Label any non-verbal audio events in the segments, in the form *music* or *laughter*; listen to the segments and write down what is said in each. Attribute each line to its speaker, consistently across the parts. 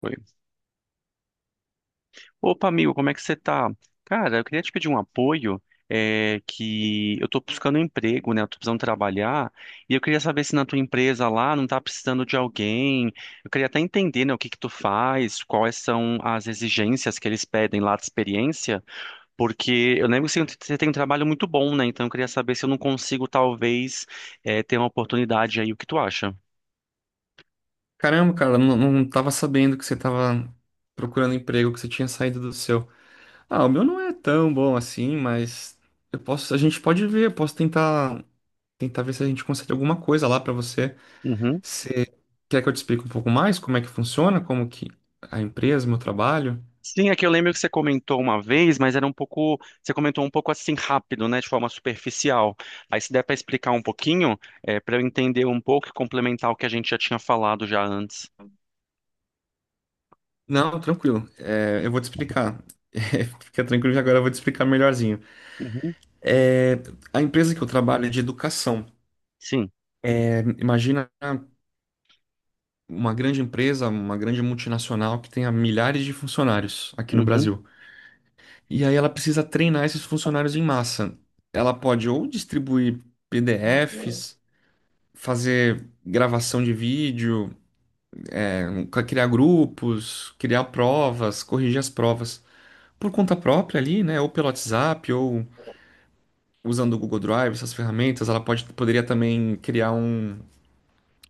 Speaker 1: Oi. Opa, amigo, como é que você tá? Cara, eu queria te pedir um apoio, que eu tô buscando um emprego, né? Eu tô precisando trabalhar, e eu queria saber se na tua empresa lá não tá precisando de alguém. Eu queria até entender, né, o que que tu faz, quais são as exigências que eles pedem lá de experiência, porque eu lembro que você tem um trabalho muito bom, né? Então eu queria saber se eu não consigo, talvez, ter uma oportunidade aí, o que tu acha?
Speaker 2: Caramba, cara, não tava sabendo que você tava procurando emprego, que você tinha saído do seu. Ah, o meu não é tão bom assim, mas eu posso, a gente pode ver, eu posso tentar, tentar ver se a gente consegue alguma coisa lá pra você.
Speaker 1: Uhum.
Speaker 2: Você quer que eu te explique um pouco mais como é que funciona, como que a empresa, meu trabalho?
Speaker 1: Sim, é que eu lembro que você comentou uma vez, mas era um pouco, você comentou um pouco assim rápido, né, de forma superficial. Aí se der para explicar um pouquinho, para eu entender um pouco e complementar o que a gente já tinha falado já antes.
Speaker 2: Não, tranquilo. Eu vou te explicar. *laughs* Fica tranquilo que agora eu vou te explicar melhorzinho.
Speaker 1: Uhum,
Speaker 2: É, a empresa que eu trabalho é de educação.
Speaker 1: sim.
Speaker 2: É, imagina uma grande empresa, uma grande multinacional que tenha milhares de funcionários aqui no
Speaker 1: Uhum,
Speaker 2: Brasil. E aí ela precisa treinar esses funcionários em massa. Ela pode ou distribuir PDFs, fazer gravação de vídeo, é, criar grupos, criar provas, corrigir as provas por conta própria ali, né? Ou pelo WhatsApp, ou usando o Google Drive, essas ferramentas. Ela pode, poderia também criar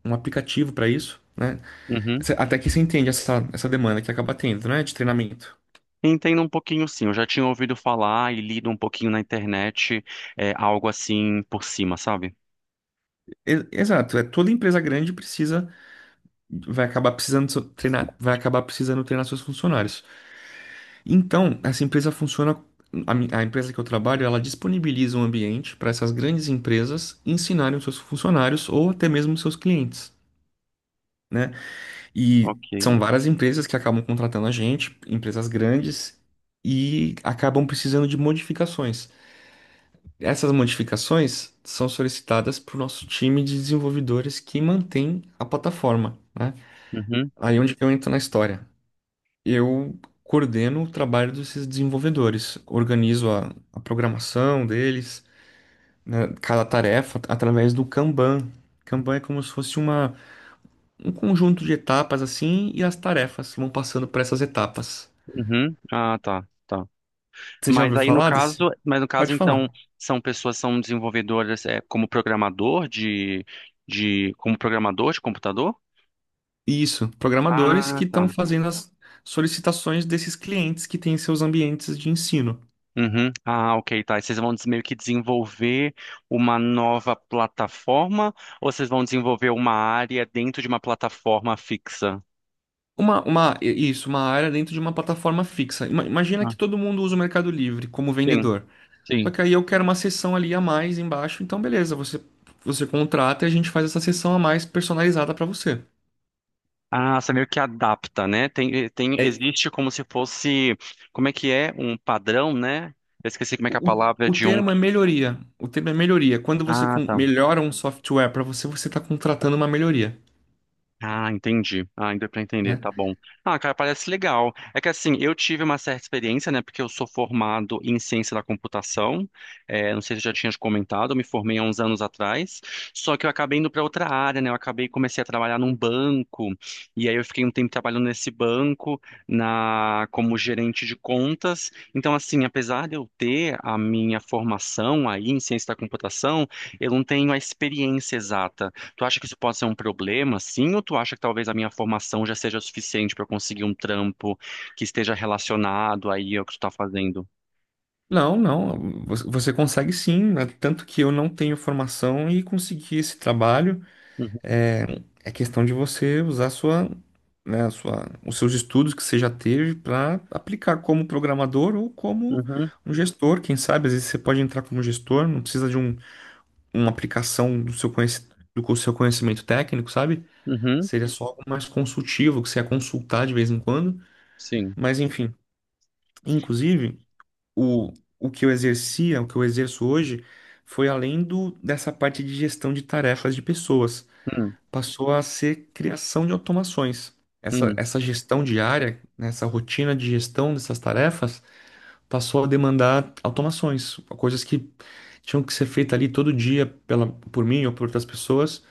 Speaker 2: um aplicativo para isso. Né?
Speaker 1: uhum.
Speaker 2: Até que você entende essa demanda que acaba tendo, né? De treinamento.
Speaker 1: Entendo um pouquinho, sim. Eu já tinha ouvido falar e lido um pouquinho na internet, algo assim por cima, sabe?
Speaker 2: Exato, é toda empresa grande precisa vai acabar precisando treinar, vai acabar precisando treinar seus funcionários. Então, essa empresa funciona a empresa que eu trabalho, ela disponibiliza um ambiente para essas grandes empresas ensinarem os seus funcionários ou até mesmo os seus clientes, né? E
Speaker 1: Ok.
Speaker 2: são várias empresas que acabam contratando a gente, empresas grandes e acabam precisando de modificações. Essas modificações são solicitadas para o nosso time de desenvolvedores que mantém a plataforma, né?
Speaker 1: Uhum,
Speaker 2: Aí onde que eu entro na história? Eu coordeno o trabalho desses desenvolvedores, organizo a programação deles, né, cada tarefa através do Kanban. Kanban é como se fosse um conjunto de etapas assim e as tarefas vão passando por essas etapas.
Speaker 1: uhum. Ah, tá. Tá.
Speaker 2: Você já ouviu falar desse?
Speaker 1: Mas no caso
Speaker 2: Pode
Speaker 1: então
Speaker 2: falar.
Speaker 1: são desenvolvedoras como programador de computador?
Speaker 2: Isso, programadores
Speaker 1: Ah,
Speaker 2: que
Speaker 1: tá.
Speaker 2: estão fazendo as solicitações desses clientes que têm seus ambientes de ensino.
Speaker 1: Uhum. Ah, ok, tá. E vocês vão meio que desenvolver uma nova plataforma ou vocês vão desenvolver uma área dentro de uma plataforma fixa?
Speaker 2: Uma, isso, uma área dentro de uma plataforma fixa. Ima- Imagina
Speaker 1: Ah,
Speaker 2: que todo mundo usa o Mercado Livre como
Speaker 1: sim,
Speaker 2: vendedor. Só
Speaker 1: sim.
Speaker 2: que aí eu quero uma seção ali a mais embaixo, então beleza, você, você contrata e a gente faz essa seção a mais personalizada para você.
Speaker 1: Ah, você meio que adapta, né?
Speaker 2: É,
Speaker 1: Existe como se fosse, como é que é? Um padrão, né? Eu esqueci como é que é a
Speaker 2: o,
Speaker 1: palavra
Speaker 2: o
Speaker 1: de um.
Speaker 2: termo é melhoria. O termo é melhoria. Quando você
Speaker 1: Ah, tá.
Speaker 2: melhora um software para você, você está contratando uma melhoria,
Speaker 1: Ah, entendi. Ah, ainda para entender,
Speaker 2: né?
Speaker 1: tá bom. Ah, cara, parece legal. É que assim, eu tive uma certa experiência, né? Porque eu sou formado em ciência da computação. Não sei se eu já tinha te comentado, eu me formei há uns anos atrás. Só que eu acabei indo para outra área, né? Eu acabei comecei a trabalhar num banco. E aí eu fiquei um tempo trabalhando nesse banco na como gerente de contas. Então, assim, apesar de eu ter a minha formação aí em ciência da computação, eu não tenho a experiência exata. Tu acha que isso pode ser um problema, sim? Ou tu acha que talvez a minha formação já seja suficiente para eu conseguir um trampo que esteja relacionado aí ao que tu tá fazendo?
Speaker 2: Não, você consegue sim, né? Tanto que eu não tenho formação e consegui esse trabalho.
Speaker 1: Uhum,
Speaker 2: É, é questão de você usar a sua, os seus estudos que você já teve para aplicar como programador ou como
Speaker 1: uhum,
Speaker 2: um gestor. Quem sabe, às vezes você pode entrar como gestor, não precisa de um, uma aplicação do seu seu conhecimento técnico, sabe?
Speaker 1: uhum,
Speaker 2: Seria só algo mais consultivo, que você ia consultar de vez em quando.
Speaker 1: sim.
Speaker 2: Mas, enfim, inclusive, o, o que eu exercia, o que eu exerço hoje, foi além dessa parte de gestão de tarefas de pessoas
Speaker 1: Hum,
Speaker 2: passou a ser criação de automações.
Speaker 1: hum,
Speaker 2: Essa gestão diária, né, essa rotina de gestão dessas tarefas, passou a demandar automações, coisas que tinham que ser feitas ali todo dia pela, por mim ou por outras pessoas,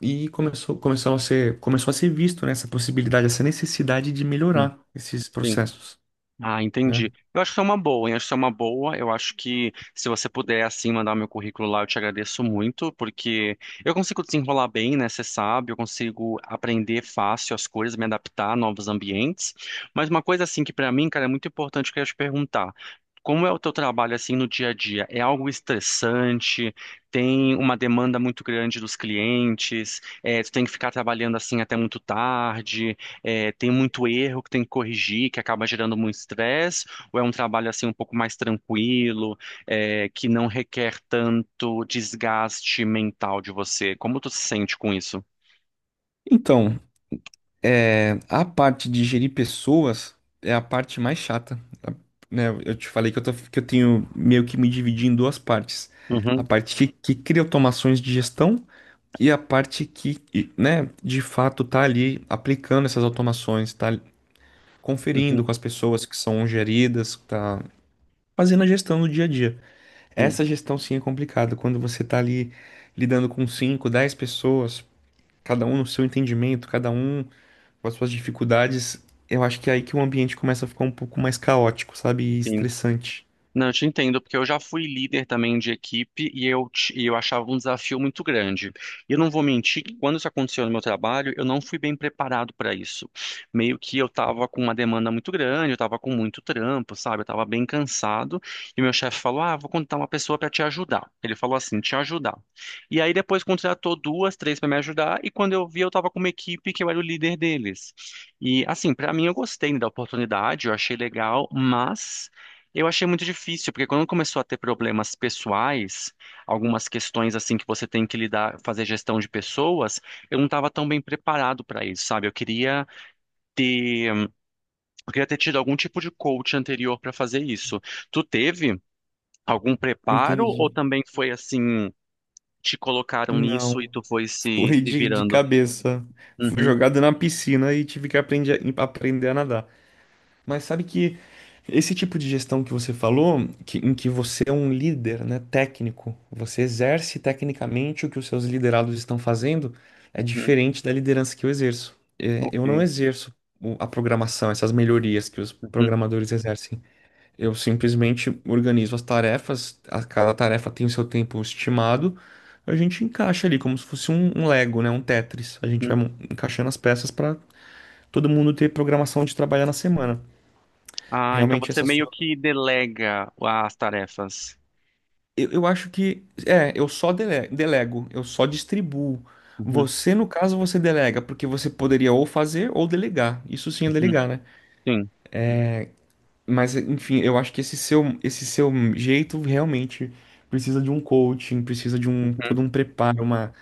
Speaker 2: e começou a ser visto, né, essa possibilidade, essa necessidade de
Speaker 1: hum,
Speaker 2: melhorar esses
Speaker 1: sim.
Speaker 2: processos,
Speaker 1: Ah,
Speaker 2: né?
Speaker 1: entendi. Eu acho que é uma boa, hein? Acho que é uma boa. Eu acho que se você puder, assim, mandar o meu currículo lá, eu te agradeço muito, porque eu consigo desenrolar bem, né? Você sabe, eu consigo aprender fácil as coisas, me adaptar a novos ambientes. Mas uma coisa, assim, que pra mim, cara, é muito importante que eu ia te perguntar. Como é o teu trabalho, assim, no dia a dia? É algo estressante? Tem uma demanda muito grande dos clientes? É, tu tem que ficar trabalhando, assim, até muito tarde? Tem muito erro que tem que corrigir, que acaba gerando muito estresse, ou é um trabalho assim um pouco mais tranquilo, que não requer tanto desgaste mental de você? Como tu se sente com isso?
Speaker 2: Então, a parte de gerir pessoas é a parte mais chata, tá? Né? Eu te falei que eu tenho meio que me dividir em duas partes. A
Speaker 1: Uhum,
Speaker 2: parte que cria automações de gestão e a parte né, de fato tá ali aplicando essas automações, tá conferindo
Speaker 1: uhum,
Speaker 2: com as pessoas que são geridas, tá fazendo a gestão no dia a dia.
Speaker 1: sim,
Speaker 2: Essa gestão sim é complicada, quando você tá ali lidando com 5, 10 pessoas, cada um no seu entendimento, cada um com as suas dificuldades, eu acho que é aí que o ambiente começa a ficar um pouco mais caótico, sabe? E
Speaker 1: sim.
Speaker 2: estressante.
Speaker 1: Não, eu te entendo, porque eu já fui líder também de equipe e eu achava um desafio muito grande. E eu não vou mentir que quando isso aconteceu no meu trabalho, eu não fui bem preparado para isso. Meio que eu estava com uma demanda muito grande, eu estava com muito trampo, sabe? Eu estava bem cansado. E meu chefe falou: Ah, vou contratar uma pessoa para te ajudar. Ele falou assim: te ajudar. E aí depois contratou duas, três para me ajudar. E quando eu vi, eu estava com uma equipe que eu era o líder deles. E assim, para mim, eu gostei da oportunidade, eu achei legal, mas. Eu achei muito difícil, porque quando começou a ter problemas pessoais, algumas questões assim que você tem que lidar, fazer gestão de pessoas, eu não estava tão bem preparado para isso, sabe? Ter, eu queria ter tido algum tipo de coach anterior para fazer isso. Tu teve algum preparo ou
Speaker 2: Entendi.
Speaker 1: também foi assim, te colocaram nisso e
Speaker 2: Não.
Speaker 1: tu foi
Speaker 2: *laughs*
Speaker 1: se,
Speaker 2: Foi
Speaker 1: se
Speaker 2: de
Speaker 1: virando?
Speaker 2: cabeça. Fui
Speaker 1: Uhum,
Speaker 2: jogado na piscina e tive que aprender, aprender a nadar. Mas sabe que esse tipo de gestão que você falou, em que você é um líder, né, técnico, você exerce tecnicamente o que os seus liderados estão fazendo, é
Speaker 1: uhum,
Speaker 2: diferente da liderança que eu exerço. É, eu não
Speaker 1: ok.
Speaker 2: exerço a programação, essas melhorias que os
Speaker 1: Uhum,
Speaker 2: programadores exercem. Eu simplesmente organizo as tarefas, cada tarefa tem o seu tempo estimado. A gente encaixa ali como se fosse um Lego, né? Um Tetris. A gente
Speaker 1: uhum.
Speaker 2: vai encaixando as peças para todo mundo ter programação de trabalhar na semana.
Speaker 1: Ah, então
Speaker 2: Realmente
Speaker 1: você
Speaker 2: essa
Speaker 1: meio
Speaker 2: sua.
Speaker 1: que delega as tarefas.
Speaker 2: Eu acho que é, eu só delego, eu só distribuo.
Speaker 1: Uhum,
Speaker 2: Você, no caso, você delega, porque você poderia ou fazer ou delegar. Isso sim é
Speaker 1: uhum,
Speaker 2: delegar, né?
Speaker 1: sim.
Speaker 2: Mas, enfim, eu acho que esse seu jeito realmente precisa de um coaching, precisa de um
Speaker 1: Uhum.
Speaker 2: todo um preparo,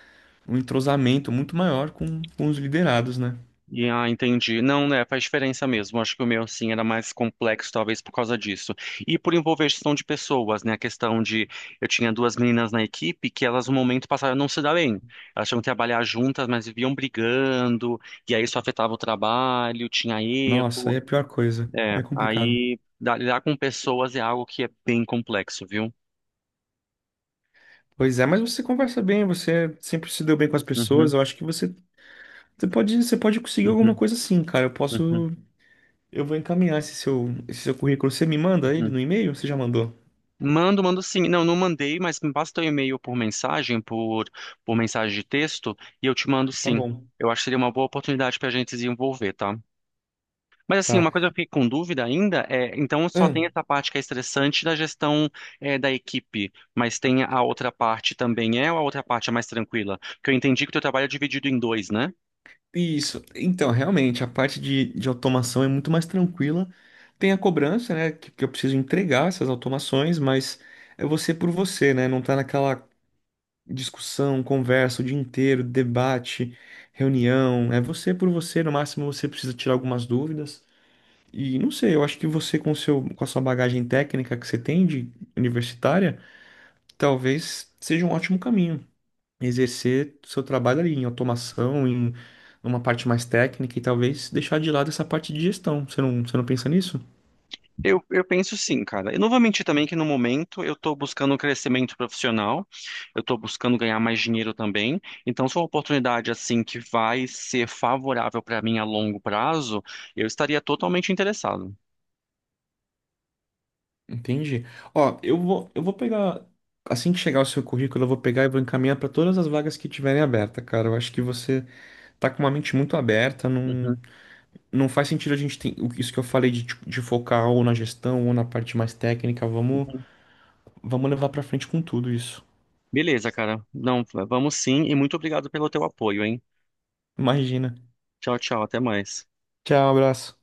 Speaker 2: um entrosamento muito maior com os liderados, né?
Speaker 1: E, ah, entendi. Não, né? Faz diferença mesmo. Acho que o meu, sim, era mais complexo, talvez por causa disso. E por envolver gestão de pessoas, né? A questão de. Eu tinha duas meninas na equipe que elas, no momento, passaram a não se dar bem. Elas tinham que trabalhar juntas, mas viviam brigando. E aí isso afetava o trabalho, tinha
Speaker 2: Nossa, aí
Speaker 1: erro.
Speaker 2: é a pior coisa. Aí
Speaker 1: É,
Speaker 2: é complicado.
Speaker 1: aí lidar com pessoas é algo que é bem complexo, viu?
Speaker 2: Pois é, mas você conversa bem, você sempre se deu bem com as pessoas.
Speaker 1: Uhum,
Speaker 2: Eu acho que você pode, você pode conseguir alguma
Speaker 1: uhum,
Speaker 2: coisa sim, cara. Eu
Speaker 1: uhum,
Speaker 2: posso, eu vou encaminhar esse seu currículo. Você me manda ele
Speaker 1: uhum.
Speaker 2: no e-mail? Você já mandou?
Speaker 1: Mando, mando sim. Não, não mandei, mas me basta o e-mail por mensagem, por mensagem de texto, e eu te mando
Speaker 2: Tá
Speaker 1: sim.
Speaker 2: bom.
Speaker 1: Eu acho que seria uma boa oportunidade para a gente se envolver, tá? Mas assim,
Speaker 2: Tá.
Speaker 1: uma coisa que eu fiquei com dúvida ainda é, então só tem
Speaker 2: Ahn,
Speaker 1: essa parte que é estressante da gestão da equipe, mas tem a outra parte também é ou a outra parte é mais tranquila? Porque eu entendi que o teu trabalho é dividido em dois, né?
Speaker 2: isso. Então, realmente, a parte de automação é muito mais tranquila. Tem a cobrança, né? Que eu preciso entregar essas automações, mas é você por você, né? Não tá naquela discussão, conversa o dia inteiro, debate, reunião. É você por você. No máximo, você precisa tirar algumas dúvidas. E não sei, eu acho que você, com a sua bagagem técnica que você tem de universitária, talvez seja um ótimo caminho exercer seu trabalho ali em automação, em uma parte mais técnica e talvez deixar de lado essa parte de gestão. Você não pensa nisso?
Speaker 1: Eu penso sim, cara. Eu não vou mentir também que no momento eu estou buscando um crescimento profissional, eu estou buscando ganhar mais dinheiro também. Então, se for uma oportunidade assim que vai ser favorável para mim a longo prazo, eu estaria totalmente interessado.
Speaker 2: Entendi. Ó, eu vou pegar. Assim que chegar o seu currículo, eu vou pegar e vou encaminhar para todas as vagas que tiverem aberta, cara. Eu acho que você tá com uma mente muito aberta,
Speaker 1: Uhum,
Speaker 2: não, não faz sentido a gente ter isso que eu falei de, tipo, de focar ou na gestão ou na parte mais técnica. Vamos,
Speaker 1: uhum.
Speaker 2: vamos levar para frente com tudo isso.
Speaker 1: Beleza, cara. Não, vamos sim e muito obrigado pelo teu apoio, hein?
Speaker 2: Imagina.
Speaker 1: Tchau, tchau, até mais.
Speaker 2: Tchau, abraço.